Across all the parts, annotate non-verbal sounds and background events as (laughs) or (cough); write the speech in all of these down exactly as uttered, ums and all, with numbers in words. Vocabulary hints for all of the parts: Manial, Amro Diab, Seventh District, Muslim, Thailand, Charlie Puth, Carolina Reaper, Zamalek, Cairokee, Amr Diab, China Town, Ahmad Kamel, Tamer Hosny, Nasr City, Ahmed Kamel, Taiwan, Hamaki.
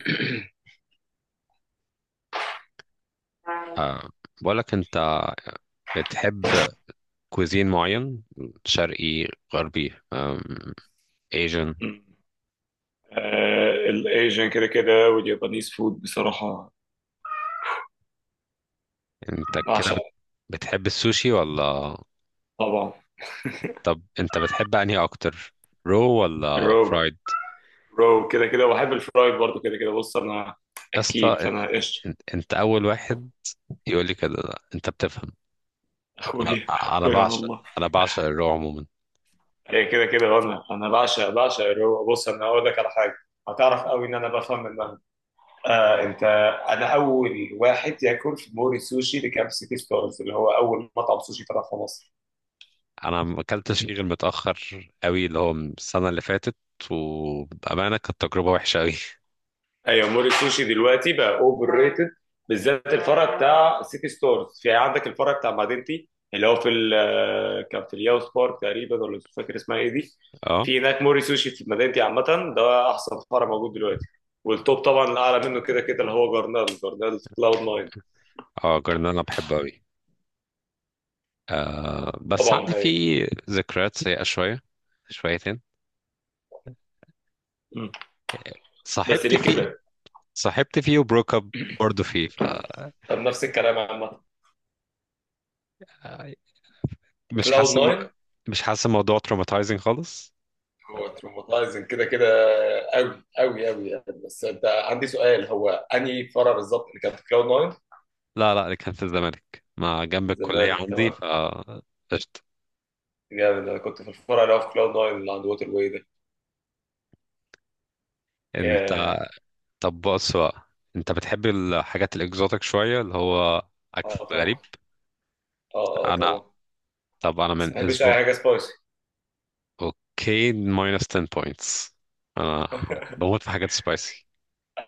(clears throat) أه، بقول لك انت، بتحب كوزين معين؟ شرقي، غربي، أم، ايجن؟ آه، الايجن كده كده واليابانيز فود بصراحه انت كده بعشق. بت- بتحب السوشي ولا؟ طبعا طب انت بتحب انهي اكتر، رو ولا الرو فرايد؟ رو كده كده وبحب الفرايد برضو كده كده. بص انا يا اكيد، اسطى، فانا قشطه. ان- انت اول واحد يقول لي كده. لا، انت بتفهم. انا اخويا. انا اخويا بعشق والله. انا بعشق الرو عموما. هي كده كده وانا انا بعشق بعشق الرو. بص، انا هقول لك على حاجه هتعرف قوي ان انا بفهم منها. آه انت انا اول واحد ياكل في موري سوشي اللي كان في سيتي ستارز، اللي هو اول مطعم سوشي فتح في مصر. انا ما اكلتش فيه غير متاخر قوي، اللي هو من السنه اللي فاتت، وبامانه كانت تجربه وحشه قوي. (laughs) ايوه، مول السوشي دلوقتي بقى اوفر ريتد، بالذات الفرع بتاع سيتي ستارز. في عندك الفرع بتاع مدينتي اللي هو في ال- آه، كان في الياوس بارك تقريبا، ولا مش فاكر اسمها ايه دي. اه، في هناك موري سوشي في مدينتي عامة. ده أحسن فرع موجود دلوقتي. والتوب طبعا الأعلى منه كده كده اللي هو جرنال، جرنال في كلاود ناين. اه، جرنان انا بحبه قوي. آه، بس طبعا. عندي هاي. فيه ذكريات سيئة شوية، شويتين. مم. بس صاحبت ليه فيه. كده؟ صاحبت فيه وبروك اب برضه فيه، ف آه، طب نفس الكلام عامة، مش كلاود حاسس الم- ناين. مش حاسس الموضوع تروماتايزنج خالص. هو تروماتايزنج كده كده قوي قوي قوي يعني. بس انت، عندي سؤال: هو انهي فرع بالظبط اللي كان في كلاود ناين؟ لا، لا، اللي كان في الزمالك، ما جنب الكلية الزمالك، عندي. تمام. ف قشطة. جامد. انا كنت في الفرع اللي هو في كلاود ناين اللي عند ووتر واي ده. انت، ياه. طب بص بقى، انت بتحب الحاجات الاكزوتيك شوية، اللي هو اكل اه طبعا. غريب. اه اه انا طبعا. طب انا بس ما من بحبش اي اسبوع، حاجه سبايسي. اوكي ماينس عشرة بوينتس، انا بموت في حاجات سبايسي.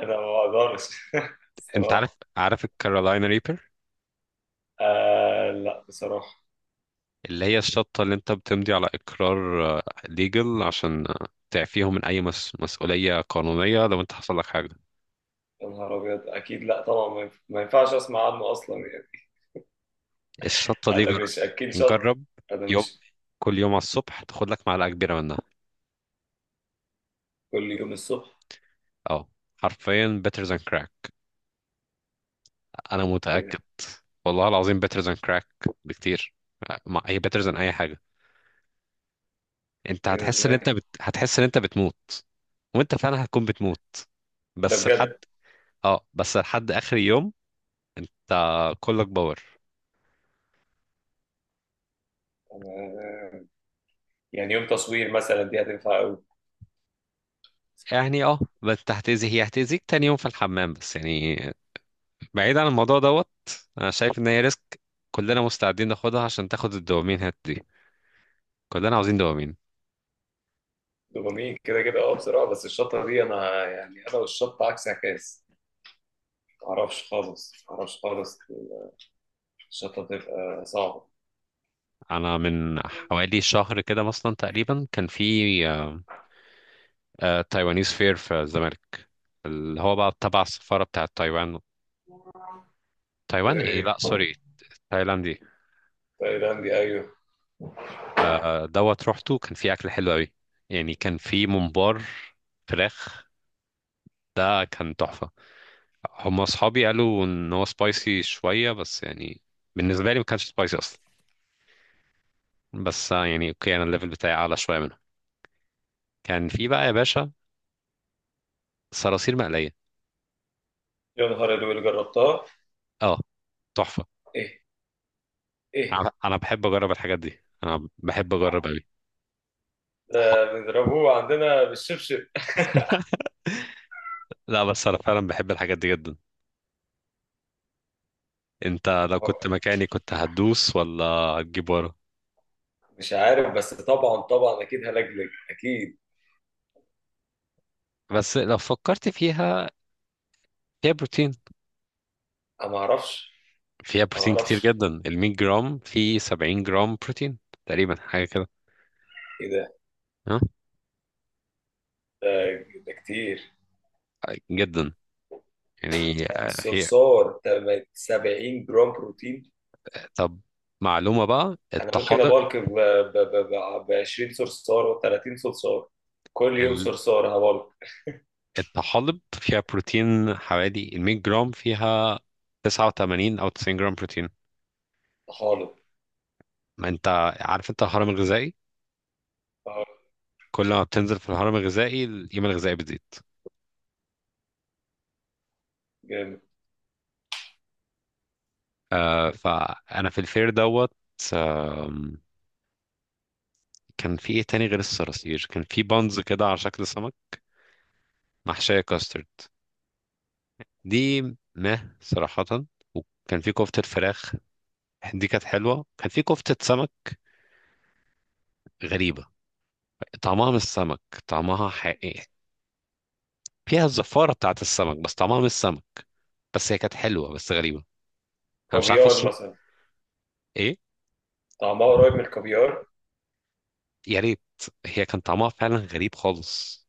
انا ما بقدرش. (laughs) انت عارف، الصراحه. عارف الكارولاينا ريبر، آه لا بصراحه. اللي هي الشطة اللي انت بتمضي على اقرار ليجل عشان آه، تعفيهم من اي مس... مسؤولية قانونية لو انت حصل لك حاجة. يا نهار ابيض، اكيد لا طبعا، ما ينف- ما ينفعش اسمع عنه اصلا يعني. الشطة دي انا جر... مش اكل شط. جرب انا يوم، مش كل يوم على الصبح تاخد لك معلقة كبيرة منها. كل يوم الصبح؟ اه، حرفيا better than crack، انا ايه متأكد. ده. والله العظيم better than crack بكتير، مع هي better than اي حاجة. انت ايه ده، هتحس ان انت ازاي؟ بت... هتحس ان انت بتموت، وانت فعلا هتكون بتموت. ده بس لحد بجد؟ اه بس لحد اخر يوم، انت كلك باور. أنا يعني يوم تصوير مثلا دي هتنفع قوي. يعني اه بس هتأذي هي هتأذيك تاني يوم في الحمام، بس يعني. بعيد عن الموضوع دوت، انا شايف ان هي ريسك. كلنا مستعدين ناخدها عشان تاخد الدوبامين هات دي. كلنا عاوزين دوبامين. دوبامين كده كده، اه بصراحه. بس الشطه دي، انا يعني انا والشطه عكس عكاس. معرفش خالص، معرفش خالص. الشطة تبقى صعبة. انا من حوالي شهر كده مثلا تقريبا، كان في آه، آه، تايوانيز فير في الزمالك، اللي هو بقى تبع السفارة بتاعت تايوان. تايوان ايه، لا، ايه. سوري، تايلاندي. تايلاندي، ايوه. آه، آه، دوت، روحته كان فيه اكل حلو قوي. يعني كان فيه ممبار، فراخ، آه كان تحفة. هم اصحابي قالوا ان هو سبايسي شويه، بس يعني بالنسبه لي ما كانش سبايسي اصلا. بس آه، يعني اوكي انا الليفل بتاعي اعلى شويه منهم. كان في بقى يا باشا صراصير مقليه، يا نهار أبيض، اللي جربتها؟ اه، تحفه. ايه. ايه انا أنا بحب اجرب الحاجات دي، انا بحب اجرب قوي. ده؟ بنضربوه عندنا بالشبشب. (laughs) لا، بس انا فعلا بحب الحاجات دي جدا. انت لو هو- كنت مكاني، كنت هتدوس ولا هتجيب ورا؟ مش عارف، بس طبعا طبعا اكيد هلجلج اكيد. بس لو فكرت فيها، فيها بروتين، انا ما اعرفش. فيها أنا ما بروتين كتير اعرفش. جدا. ال مية جرام فيه سبعين جرام بروتين، تقريبا حاجه كده. ايه ده. ها، ده ده كتير. جدا يعني. يعني آه، هي الصرصار ده سبعين جرام بروتين؟ طب معلومة بقى، انا ممكن الطحالب، ابالك ب عشرين صرصار و تلاتين صرصار، كل يوم ال- صرصار هبالك. (laughs) الطحالب فيها بروتين، حوالي ال مية جرام فيها تسعة وتمانين أو تسعين جرام بروتين. طحالب. ما أنت عارف أنت الهرم الغذائي، كل ما بتنزل في الهرم الغذائي القيمة الغذائية بتزيد. جامد. آه، فأنا في الفير دوت، آم، كان في إيه تاني غير الصراصير؟ كان في بانز كده على شكل سمك محشية كاسترد، دي مه صراحة. وكان في كفتة فراخ، دي كانت حلوة. كان في كفتة سمك غريبة، طعمها مش سمك، طعمها حقيقي، فيها الزفارة بتاعت السمك بس طعمها مش سمك. بس هي كانت حلوة بس غريبة. أنا مش عارف كافيار أشرب مثلا؟ إيه. طعمها قريب من الكافيار. يا ريت. هي كان طعمها فعلا غريب خالص،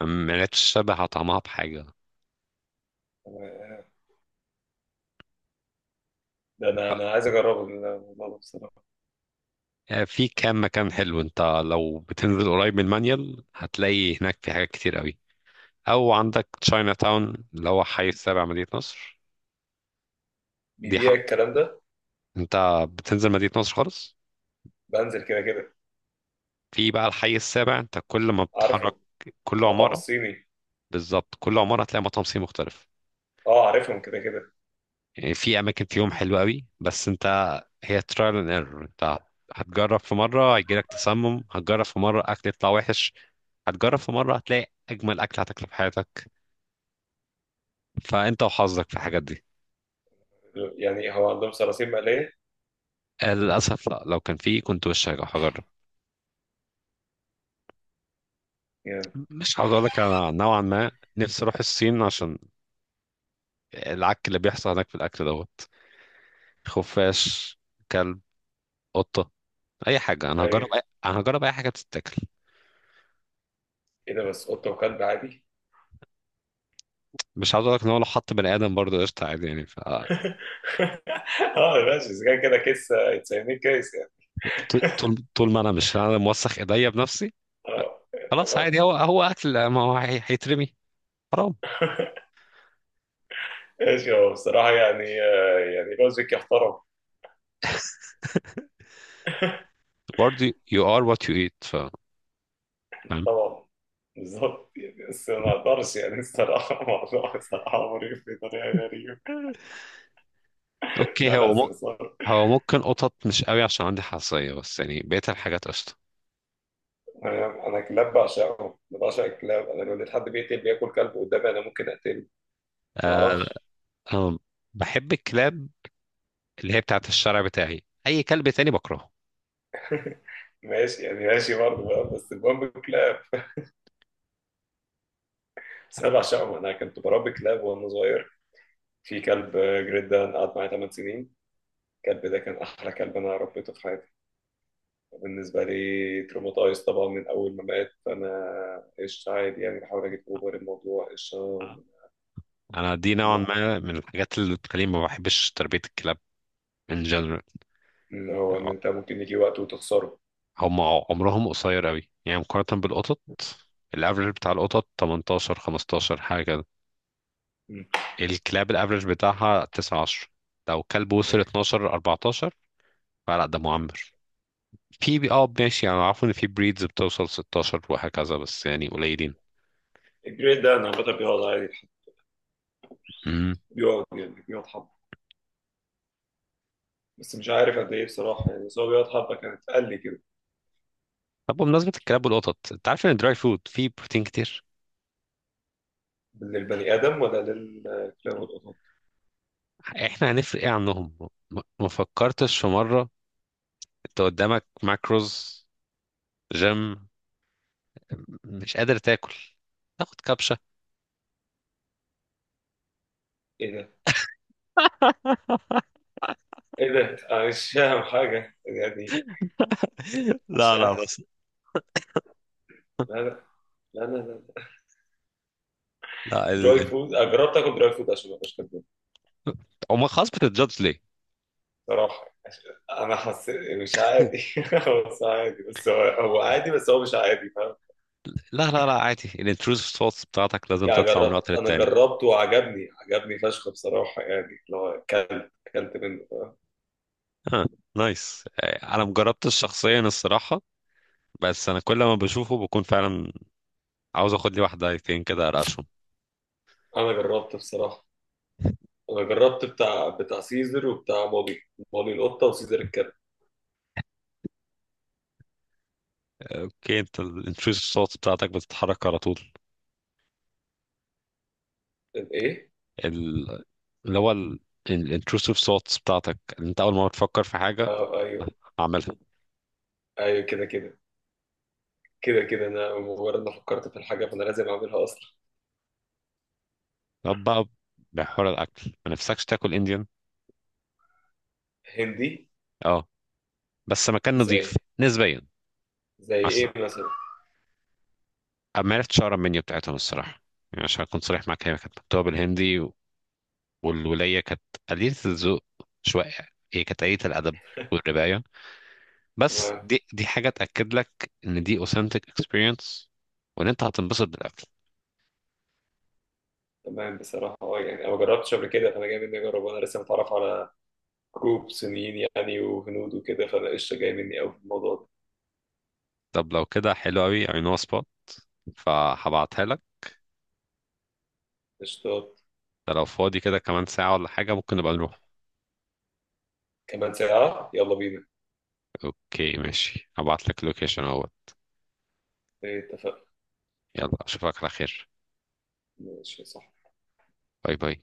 ما لقتش شبه طعمها بحاجة. ده انا انا ف- عايز اجربه الموضوع ده بصراحه. آه، في كام مكان حلو. أنت لو بتنزل قريب من المانيال، هتلاقي هناك في حاجات كتير قوي. أو عندك تشاينا تاون، اللي هو حي السابع، مدينة نصر. دي بيبيع حرف. الكلام ده؟ أنت بتنزل مدينة نصر خالص، بنزل كده كده. في بقى الحي السابع، أنت كل ما بتتحرك، عارفه. كل مطعم عمارة، الصيني. بالظبط كل عمارة هتلاقي مطعم صيني مختلف. اه عارفهم كده كده. يعني في أماكن فيهم حلوة قوي، بس أنت هي ترايل اند ايرور. أنت هتجرب في مرة هيجيلك تسمم، هتجرب في مرة أكل يطلع وحش، هتجرب في مرة هتلاقي أجمل أكل هتاكله في حياتك. فأنت وحظك في الحاجات دي. يعني هو عندهم صراصير مقليه؟ للأسف لا، لو كان فيه كنت وش هجرب. يعني. مش عاوز أقول لك، أنا نوعا ما نفسي أروح الصين عشان العك اللي بيحصل هناك في الأكل دوت. خفاش، كلب، قطة، أي حاجة. أنا هجرب ايوه. أي... أنا هجرب أي حاجة تتاكل. ايه ده، بس قطه وكلب عادي. مش عاوز اقول لك ان هو لو حط بني ادم برضه قشطه عادي يعني ف... (laughs) اه ماشي، اذا كان كده كيس هيتسميه كيس ط- يعني. (laughs) طول طول ما انا مش انا موسخ ايديا بنفسي. ف- اه. خلاص تمام. عادي، هو هو اكل، ما هو هي- هيترمي حرام. (laughs) ماشي. هو بصراحه يعني آه، يعني لوجيك يحترم. برضه you are what you eat، ف فاهم. طبعا. بالظبط يعني، بس ما اقدرش يعني الصراحه. (laughs) الموضوع الصراحه مريب بطريقه غريبه. لا، اوكي لا، هو م... صرصار. هو ممكن قطط مش قوي عشان عندي حساسيه، بس يعني بقيت الحاجات قشطه. انا أنا كلاب بعشقهم. أنا بعشق الكلاب. انا لو لقيت حد بيقتل بياكل كلب قدامي انا ممكن اقتله. ما آه، اعرفش. انا بحب الكلاب، اللي هي بتاعت الشارع بتاعي. اي كلب تاني بكرهه. (laughs) ماشي يعني، ماشي برضه فاهم. بس المهم الكلاب، بس انا بعشقهم. انا كنت بربي كلاب وانا صغير. في كلب جريدان قعد معايا تمان سنين. الكلب ده كان احلى كلب انا ربيته في حياتي. بالنسبة لي تروماتايز طبعا من أول ما مات، فأنا قشطة عادي يعني، بحاول أجيب أوفر الموضوع. قشطة. انا دي نوعا ما- ما من الحاجات اللي بتخليني ما بحبش تربية الكلاب ان جنرال. إن هو، إن أنت ممكن يجي وقت وتخسره. هم عمرهم قصير قوي يعني مقارنة بالقطط. الافرج بتاع القطط تمنتاشر، خمستاشر، حاجة كده. مم. الكلاب الافرج بتاعها تسعة، عشرة. لو كلب وصل اثنا عشر، اربعة عشر، لا ده معمر. في بي- اه ماشي يعني، عارف ان في بريدز بتوصل ستاشر وهكذا، بس يعني قليلين. الجريد ده أنا عامة بيقعد عادي. امم. بيقعد يعني بيقعد حبة. بس مش عارف قد إيه بصراحة يعني، بس هو بيقعد حبة كانت، قال لي كده. طب بمناسبة الكلاب والقطط، انت عارف ان الدراي فود فيه بروتين كتير؟ للبني آدم ولا للكلاب والقطط؟ احنا هنفرق ايه عنهم؟ ما ما فكرتش في مرة، انت قدامك ماكروز جيم، مش قادر تاكل، تاخد كبشة. إيه ده؟ (laughs) إيه ده؟ أنا مش فاهم حاجة يعني. مش لا، لا، عارف. بس لا، لا. لا، لا، لا. لا دراي ال... فود أنا جربت آكل دراي فود عشان ما أبقاش كداب. او خلاص، بتتجادج ليه. صراحة أنا حسيت مش عادي. (laughs) (laughs) هو بس عادي، بس هو هو عادي، بس هو مش عادي، فاهم. لا، لا، لا، عادي، الانتروسيف ثوتس بتاعتك لازم يعني تطلع من جربت. وقت أنا للتاني. جربته وعجبني عجبني فشخ بصراحة، يعني اللي هو أكلت أكلت منه. اه، نايس. آه، انا مجربتش شخصيا الصراحه، بس انا كل ما بشوفه بكون فعلا عاوز اخد لي واحده ايتين كده ارقشهم. أنا جربت بصراحة. أنا جربت بتاع بتاع سيزر وبتاع مولي. مولي القطة وسيزر الكلب. اوكي، انت الانتروسيف صوت بتاعتك بتتحرك على طول، الإيه؟ ال- اللي هو الانتروسيف صوت بتاعتك، اللي انت اول ما بتفكر في حاجه أه، أيوه. هعملها. أيوه كده كده، كده كده. أنا مجرد ما فكرت في الحاجة فأنا لازم أعملها أصلا. طب بقى، بحوار الاكل، ما نفسكش تاكل انديان؟ هندي. اه، بس مكان نظيف زي. نسبيا. زي عشان إيه مثلا؟ ما عرفتش اقرا المنيو بتاعتهم الصراحه، يعني عشان اكون صريح معاك، هي كانت مكتوبه بالهندي، والولاية كانت قليلة الذوق شوية، هي كانت قليلة الأدب والرباية. بس دي دي حاجة تأكد لك إن دي authentic experience، وإن أنت هتنبسط بالأكل. تمام بصراحة، اه يعني أنا ما جربتش قبل كده، فأنا جاي مني أجرب. وأنا لسه متعرف على جروب صينيين يعني، وهنود وكده. فأنا قشطة، جاي مني أوي في الموضوع ده. طب لو كده حلو أوي I know a spot، فهبعتها لك. قشطات. ده لو فاضي كده كمان ساعة ولا حاجة، ممكن نبقى نروح. كمان ساعة؟ يلا بينا. أوكي ماشي، هبعت لك اللوكيشن أول. إيه، اتفقنا. يلا أشوفك على خير. ماشي، صح. باي باي.